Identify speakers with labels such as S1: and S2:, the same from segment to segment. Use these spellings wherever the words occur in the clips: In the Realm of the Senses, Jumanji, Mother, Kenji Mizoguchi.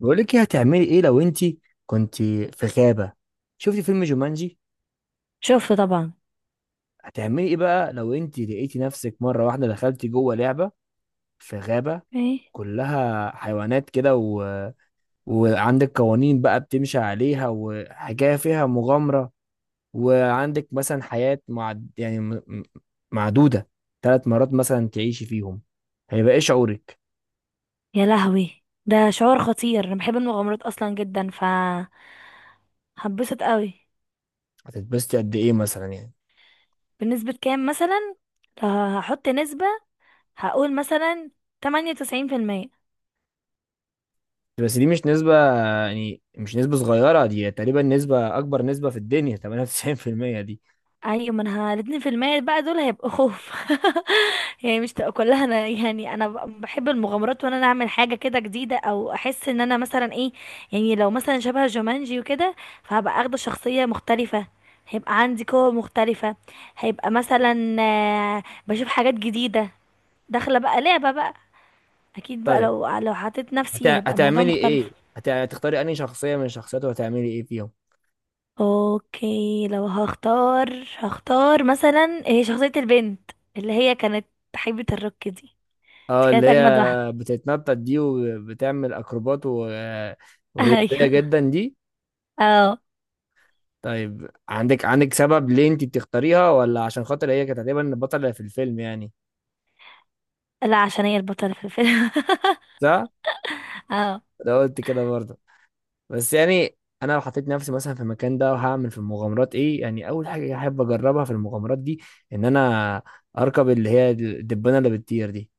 S1: بقول لك ايه، هتعملي ايه لو انت كنت في غابة؟ شفتي فيلم جومانجي؟
S2: شفته طبعا.
S1: هتعملي ايه بقى لو انت لقيتي نفسك مرة واحدة دخلتي جوه لعبة في غابة
S2: ايه.
S1: كلها حيوانات كده وعندك قوانين بقى بتمشي عليها، وحاجة فيها مغامرة، وعندك مثلا حياة يعني معدودة، 3 مرات مثلا تعيشي فيهم. هيبقى ايه شعورك؟
S2: يا لهوي، ده شعور خطير، انا بحب المغامرات اصلا جدا فهتبسط قوي.
S1: هتتبسطي قد ايه مثلا يعني؟
S2: بنسبة كام مثلا؟ لو هحط نسبة هقول مثلا 98%.
S1: بس دي مش نسبة، يعني مش نسبة صغيرة دي، تقريبا نسبة أكبر نسبة في الدنيا 98% دي.
S2: ايوه، ما انا الاتنين في المية بقى دول هيبقوا خوف. يعني مش تبقى كلها انا، يعني انا بحب المغامرات، وانا اعمل حاجه كده جديده او احس ان انا مثلا ايه. يعني لو مثلا شبه جومانجي وكده، فهبقى اخده شخصيه مختلفه، هيبقى عندي قوة مختلفة، هيبقى مثلا بشوف حاجات جديدة، داخلة بقى لعبة بقى. أكيد بقى،
S1: طيب
S2: لو حطيت نفسي هيبقى الموضوع
S1: هتعملي إيه؟
S2: مختلف.
S1: هتختاري أنهي شخصية من الشخصيات وهتعملي إيه فيهم؟
S2: اوكي، لو هختار مثلا شخصية البنت اللي هي كانت حبيبة الروك دي. دي
S1: اه، اللي
S2: كانت
S1: هي
S2: اجمد واحدة.
S1: بتتنطط دي وبتعمل أكروبات ورياضية
S2: ايوه.
S1: جدا دي.
S2: اه.
S1: طيب عندك سبب ليه أنت بتختاريها، ولا عشان خاطر هي كانت تقريبا البطلة في الفيلم يعني؟
S2: لا، عشان هي البطلة في الفيلم.
S1: صح؟
S2: اه.
S1: ده قلت كده برضه. بس يعني انا لو حطيت نفسي مثلا في المكان ده، وهعمل في المغامرات ايه يعني، اول حاجه احب اجربها في المغامرات دي ان انا اركب اللي هي الدبانه اللي بتطير دي،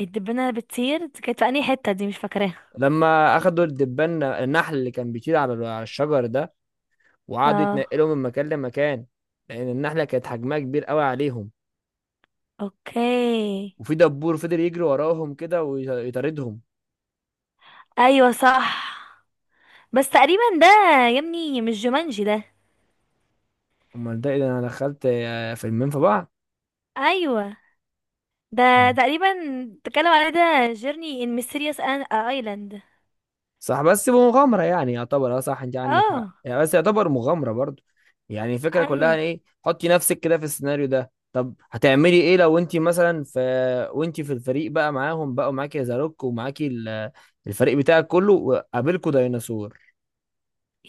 S2: الدبانة اللي بتطير دي كانت في انهي حتة؟ دي مش فاكراها.
S1: لما اخدوا الدبان النحل اللي كان بيطير على الشجر ده، وقعدوا
S2: اه.
S1: يتنقلوا من مكان لمكان، لان النحله كانت حجمها كبير قوي عليهم،
S2: اوكي.
S1: وفي دبور فضل يجري وراهم كده ويطاردهم.
S2: ايوه صح. بس تقريبا ده، يا ابني، مش جومانجي ده.
S1: امال ده إيه ده، انا دخلت فيلمين في بعض.
S2: ايوه، ده تقريبا اتكلم عليه، ده جيرني ان ميستيريوس ايلاند.
S1: صح، بس بمغامرة يعني يعتبر صح، انت عندك حق
S2: اه.
S1: يعني، بس يعتبر مغامرة برضو. يعني الفكرة
S2: ايوه.
S1: كلها ان ايه، حطي نفسك كده في السيناريو ده، طب هتعملي ايه لو انت مثلا في، وانت في الفريق بقى معاهم بقى، ومعاكي زاروك ومعاكي الفريق بتاعك كله وقابلكوا ديناصور.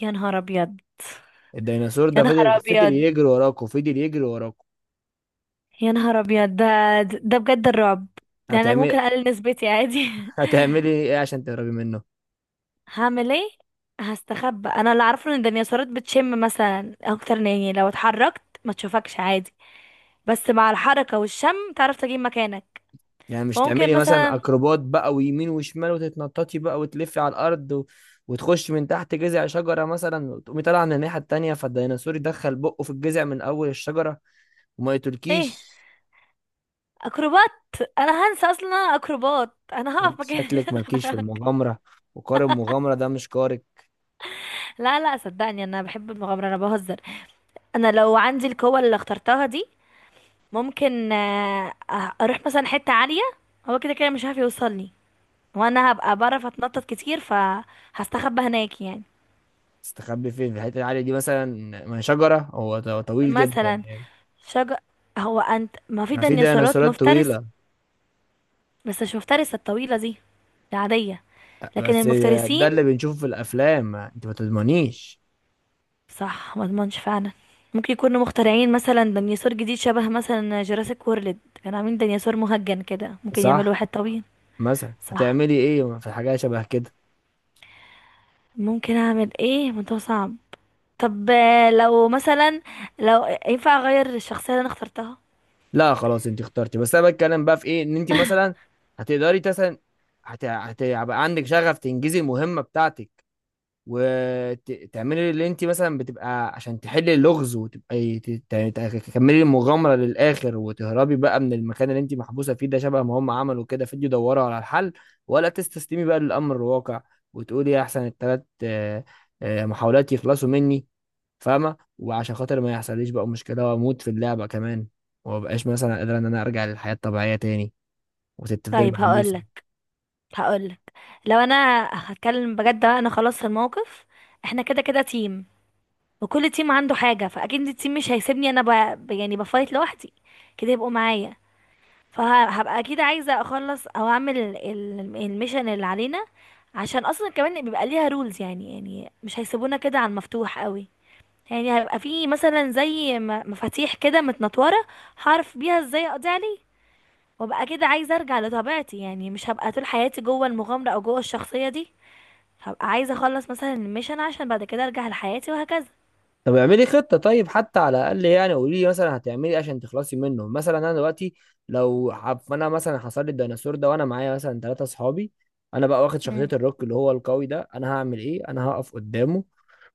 S2: يا نهار ابيض،
S1: الديناصور
S2: يا
S1: ده
S2: نهار
S1: فضل
S2: ابيض،
S1: يجري وراكوا، فضل يجري وراكوا.
S2: يا نهار ابيض ده بجد الرعب. يعني انا
S1: هتعملي
S2: ممكن اقلل نسبتي عادي.
S1: هتعملي ايه عشان تهربي منه؟
S2: هعمل ايه؟ هستخبى. انا اللي اعرفه ان الديناصورات بتشم مثلا اكتر من، يعني لو اتحركت ما تشوفكش عادي، بس مع الحركه والشم تعرف تجيب مكانك.
S1: يعني مش
S2: فممكن
S1: تعملي مثلا
S2: مثلا.
S1: اكروبات بقى، ويمين وشمال، وتتنططي بقى، وتلفي على الارض وتخش من تحت جذع شجره مثلا، وتقومي طالعه من الناحيه التانيه، فالديناصور يدخل بقه في الجذع من اول الشجره وما
S2: ايه،
S1: يقتلكيش.
S2: اكروبات؟ انا هنسى اصلا إن انا اكروبات، انا هقف
S1: انت
S2: مكاني
S1: شكلك
S2: عشان
S1: مالكيش في
S2: اتحرك.
S1: المغامره، وقارب المغامره ده مش قارب.
S2: لا لا، صدقني انا بحب المغامره، انا بهزر. انا لو عندي القوه اللي اخترتها دي، ممكن اروح مثلا حتة عالية، هو كده كده مش هيعرف يوصلني، وانا هبقى بعرف اتنطط كتير فهستخبى هناك يعني.
S1: تستخبي فين في الحته العاليه دي مثلا؟ ما هي شجره، هو طويل جدا
S2: مثلا
S1: يعني.
S2: شجر. هو انت ما في
S1: ما في
S2: ديناصورات
S1: ديناصورات
S2: مفترس؟
S1: طويله.
S2: بس مش مفترسة الطويلة دي، العادية، لكن
S1: بس ده
S2: المفترسين.
S1: اللي بنشوفه في الافلام، انت ما تضمنيش.
S2: صح، ما اضمنش فعلا. ممكن يكونوا مخترعين مثلا ديناصور جديد، شبه مثلا جوراسيك وورلد كانوا عاملين ديناصور مهجن كده، ممكن يعملوا
S1: صح.
S2: واحد طويل.
S1: مثلا
S2: صح.
S1: هتعملي ايه في حاجه شبه كده؟
S2: ممكن اعمل ايه؟ ما ده صعب. طب لو مثلا، لو ينفع اغير الشخصية اللي انا اخترتها.
S1: لا خلاص، انت اخترتي، بس انا بتكلم بقى في ايه ان انت مثلا هتقدري مثلا هتبقى عندك شغف تنجزي المهمه بتاعتك، وتعملي اللي انت مثلا بتبقى عشان تحلي اللغز، وتبقى تكملي المغامره للاخر، وتهربي بقى من المكان اللي انت محبوسه فيه، ده شبه ما هم عملوا كده فيديو يدوروا على الحل، ولا تستسلمي بقى للامر الواقع، وتقولي احسن الثلاث محاولات يخلصوا مني، فاهمه، وعشان خاطر ما يحصليش بقى مشكله واموت في اللعبه كمان، وما بقاش مثلا قادره ان انا ارجع للحياه الطبيعيه تاني، وتفضلي
S2: طيب
S1: محبوسه.
S2: هقولك. لو انا هتكلم بجد بقى، انا خلاص في الموقف، احنا كده كده تيم، وكل تيم عنده حاجة، فاكيد التيم مش هيسيبني انا يعني بفايت لوحدي كده يبقوا معايا. فهبقى اكيد عايزة اخلص او اعمل الميشن اللي علينا. عشان اصلا كمان بيبقى ليها رولز، يعني مش هيسيبونا كده على المفتوح قوي. يعني هيبقى في مثلا زي مفاتيح كده متنطوره، هعرف بيها ازاي اقضي عليه. وابقى كده عايزه ارجع لطبيعتي، يعني مش هبقى طول حياتي جوه المغامره او جوه الشخصيه دي. هبقى عايزه اخلص مثلا الميشن عشان بعد كده ارجع لحياتي وهكذا.
S1: طب اعملي خطه طيب حتى على الاقل، يعني قولي لي مثلا هتعملي ايه عشان تخلصي منه. مثلا انا دلوقتي، لو حب انا مثلا حصل لي الديناصور ده، وانا معايا مثلا 3 اصحابي، انا بقى واخد شخصيه
S2: مم.
S1: الروك اللي هو القوي ده، انا هعمل ايه؟ انا هقف قدامه،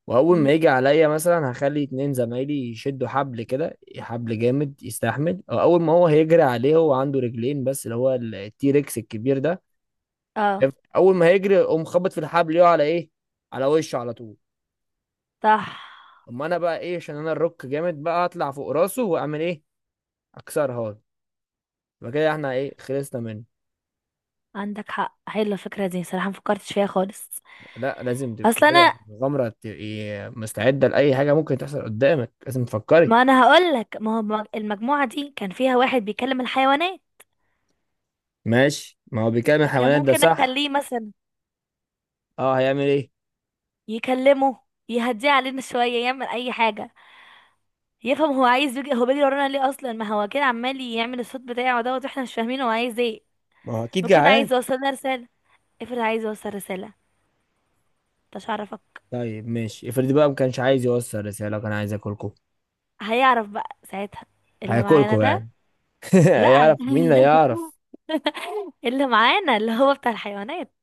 S1: واول
S2: مم.
S1: ما يجي عليا مثلا هخلي 2 زمايلي يشدوا حبل كده، حبل جامد يستحمل، أو اول ما هو هيجري عليه، هو عنده رجلين بس اللي هو التيركس الكبير ده،
S2: اه.
S1: اول ما هيجري اقوم خبط في الحبل، يقع على ايه؟ على وشه على طول.
S2: صح،
S1: اما انا بقى ايه، عشان انا الروك جامد بقى، اطلع فوق راسه واعمل ايه، اكسرها هون. يبقى كده احنا ايه، خلصنا منه.
S2: عندك حق، حلوه الفكره دي صراحه، مفكرتش فيها خالص.
S1: لا، لازم تبقي
S2: اصل
S1: كده
S2: انا،
S1: مغامرة، تبقي مستعدة لأي حاجة ممكن تحصل قدامك، لازم تفكري.
S2: ما انا هقول لك، ما هو المجموعه دي كان فيها واحد بيكلم الحيوانات،
S1: ماشي، ما هو بيكلم
S2: فكان
S1: الحيوانات ده
S2: ممكن
S1: صح.
S2: اخليه مثلا
S1: اه، هيعمل ايه؟
S2: يكلمه، يهديه علينا شويه، يعمل اي حاجه، يفهم هو عايز يجي، هو بيجري ورانا ليه اصلا؟ ما هو كده عمال يعمل الصوت بتاعه دوت واحنا مش فاهمين هو عايز ايه.
S1: ما هو اكيد
S2: بيكون
S1: جعان.
S2: عايز يوصلنا رساله. افرض عايز يوصل رساله، مش عارفك.
S1: طيب ماشي، افرضي بقى ما كانش عايز يوصل رسالة، كان عايز ياكلكوا،
S2: هيعرف بقى ساعتها، اللي معانا
S1: هياكلكوا
S2: ده.
S1: يعني.
S2: لا.
S1: هيعرف مين اللي هيعرف،
S2: اللي معانا، اللي هو بتاع الحيوانات.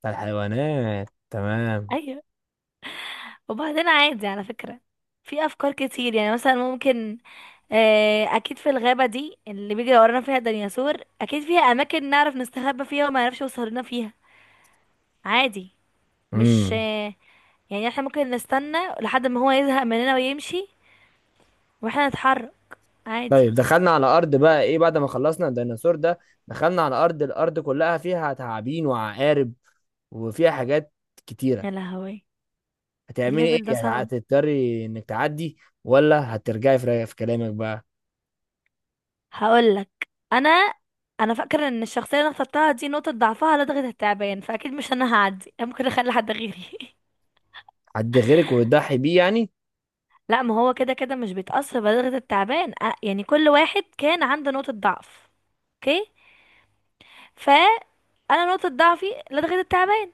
S1: بتاع الحيوانات، تمام.
S2: ايوه. وبعدين عادي على فكره، في افكار كتير يعني، مثلا ممكن اكيد في الغابه دي اللي بيجري ورانا فيها الديناصور، اكيد فيها اماكن نعرف نستخبى فيها وما يعرفش يوصل لنا فيها عادي. مش
S1: امم.
S2: يعني احنا ممكن نستنى لحد ما هو يزهق مننا ويمشي واحنا نتحرك عادي.
S1: طيب دخلنا على ارض بقى ايه بعد ما خلصنا الديناصور ده، دخلنا على ارض، الارض كلها فيها تعابين وعقارب، وفيها حاجات كتيرة.
S2: يا لهوي،
S1: هتعملي
S2: الليفل ده
S1: ايه؟
S2: صعب.
S1: هتضطري انك تعدي، ولا هترجعي في رأيك، في كلامك بقى.
S2: هقولك. انا انا فاكره ان الشخصيه اللي انا اخترتها دي نقطه ضعفها لدغه التعبان، فاكيد مش انا هعدي، أنا ممكن اخلي حد غيري.
S1: حد غيرك وتضحي بيه يعني.
S2: لا، ما هو كده كده مش بيتاثر بلدغه التعبان، يعني كل واحد كان عنده نقطه ضعف. اوكي. ف انا نقطه ضعفي لدغه التعبان،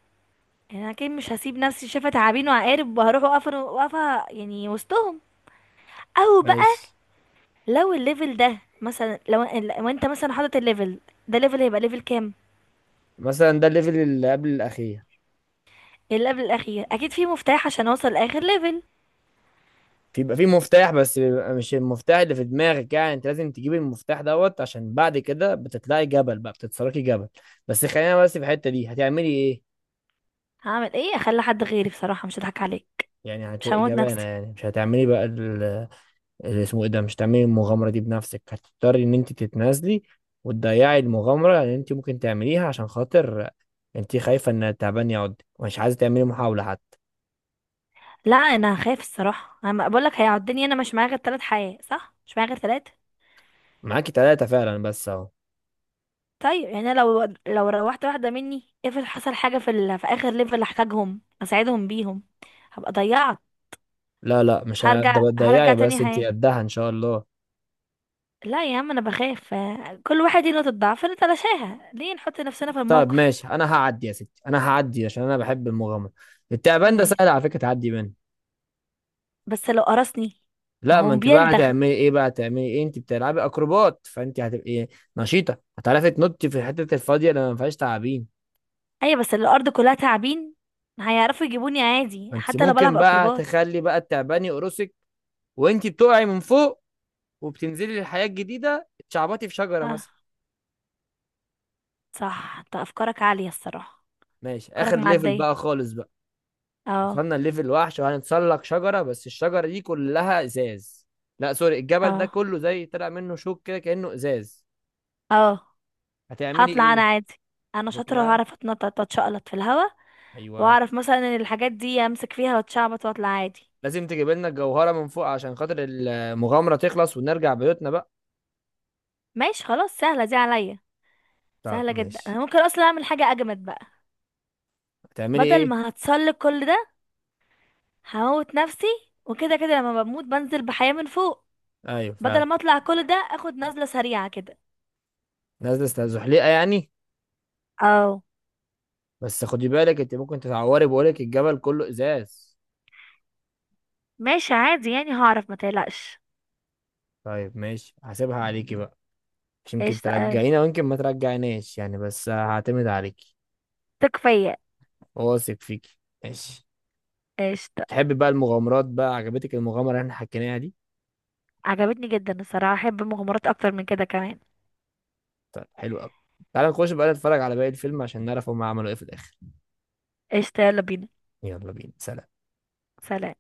S2: يعني انا اكيد مش هسيب نفسي شايفه تعابين وعقارب وهروح واقفه يعني وسطهم. او بقى
S1: ماشي.
S2: لو الليفل ده مثلا لو انت مثلا حاطط الليفل ده، ليفل هيبقى ليفل كام؟
S1: مثلا ده الليفل اللي قبل الاخير.
S2: اللي قبل الاخير اكيد في مفتاح عشان اوصل لاخر ليفل.
S1: بيبقى في مفتاح، بس بيبقى مش المفتاح اللي في دماغك، يعني انت لازم تجيب المفتاح دوت، عشان بعد كده بتطلعي جبل بقى، بتتسلقي جبل، بس خلينا بس في الحتة دي، هتعملي ايه؟
S2: هعمل ايه؟ اخلي حد غيري بصراحه، مش هضحك عليك.
S1: يعني
S2: مش
S1: هتبقي
S2: هموت
S1: جبانة،
S2: نفسي.
S1: يعني مش هتعملي بقى اللي اسمه ايه ده، مش هتعملي المغامرة دي بنفسك، هتضطري ان انت تتنازلي وتضيعي المغامرة اللي انت ممكن تعمليها، عشان خاطر انت خايفة ان التعبان يعض، ومش عايزة تعملي محاولة حتى.
S2: لا، انا هخاف الصراحه، انا بقول لك هيعدني. انا مش معايا غير ثلاث حياه صح؟ مش معايا غير ثلاثه.
S1: معاكي تلاتة فعلا بس اهو.
S2: طيب يعني أنا لو روحت واحده مني، افرض حصل حاجه في اخر ليفل احتاجهم اساعدهم بيهم، هبقى ضيعت.
S1: لا لا، مش
S2: هرجع
S1: هتضيعي، بس
S2: تاني
S1: انت
S2: حياه.
S1: قدها ان شاء الله.
S2: لا يا عم، انا بخاف كل واحد ليه نقطة ضعف، نتلاشاها، ليه نحط نفسنا في
S1: طب
S2: الموقف.
S1: ماشي، انا هعدي يا ستي، انا هعدي عشان انا بحب المغامره. التعبان ده
S2: ما-
S1: سهل على فكره، تعدي منه.
S2: بس لو قرصني. ما
S1: لا،
S2: هو
S1: ما انت بقى
S2: بيلدغ.
S1: هتعملي ايه بقى، هتعملي ايه، انت بتلعبي اكروبات فانت هتبقي نشيطه، هتعرفي تنطي في الحته الفاضيه اللي ما فيهاش تعابين.
S2: ايوه بس الارض كلها تعابين، هيعرفوا يجيبوني عادي
S1: ما انت
S2: حتى لو بلعب
S1: ممكن بقى
S2: اكروبات.
S1: تخلي بقى التعبان يقرصك، وانت بتقعي من فوق، وبتنزلي للحياه الجديده، تشعبطي في شجره مثلا.
S2: اه. صح، انت افكارك عالية الصراحة،
S1: ماشي،
S2: افكارك
S1: اخر ليفل
S2: معدية.
S1: بقى خالص بقى،
S2: اه.
S1: وصلنا لليفل وحش، وهنتسلق شجرة، بس الشجرة دي كلها ازاز. لا سوري، الجبل ده
S2: اه.
S1: كله زي طلع منه شوك كده كأنه ازاز.
S2: اه.
S1: هتعملي
S2: هطلع انا
S1: ايه؟
S2: عادي. انا شاطرة
S1: هتطلعي؟
S2: وهعرف اتنطط واتشقلط في الهوا،
S1: ايوه.
S2: واعرف مثلا ان الحاجات دي امسك فيها واتشعبط واطلع عادي.
S1: لازم تجيب لنا الجوهرة من فوق عشان خاطر المغامرة تخلص ونرجع بيوتنا بقى.
S2: ماشي، خلاص سهلة دي عليا.
S1: طب
S2: سهلة جدا،
S1: ماشي.
S2: انا ممكن اصلا اعمل حاجة اجمد بقى.
S1: هتعملي
S2: بدل
S1: ايه؟
S2: ما هتسلق كل ده، هموت نفسي، وكده كده لما بموت بنزل بحياة من فوق.
S1: ايوه
S2: بدل
S1: فعلا.
S2: ما اطلع كل ده اخد نزلة سريعة كده.
S1: نازلة استزحليقة يعني؟
S2: اه.
S1: بس خدي بالك انت ممكن تتعوري، بقولك الجبل كله ازاز.
S2: ماشي عادي يعني، هعرف ما تقلقش.
S1: طيب ماشي، هسيبها عليكي بقى، مش يمكن
S2: قشطة اوي.
S1: ترجعينا ويمكن ما ترجعيناش يعني، بس هعتمد عليكي.
S2: ثق فيا.
S1: واثق فيكي. ماشي.
S2: قشطة.
S1: تحبي بقى المغامرات بقى، عجبتك المغامرة اللي احنا حكيناها دي؟
S2: عجبتني جدا الصراحة، احب مغامرات اكتر من كده كمان.
S1: طيب حلو قوي. تعالى نخش بقى نتفرج على باقي الفيلم عشان نعرف هم عملوا ايه في الاخر.
S2: قشطة، يلا بينا.
S1: يلا بينا، سلام.
S2: سلام.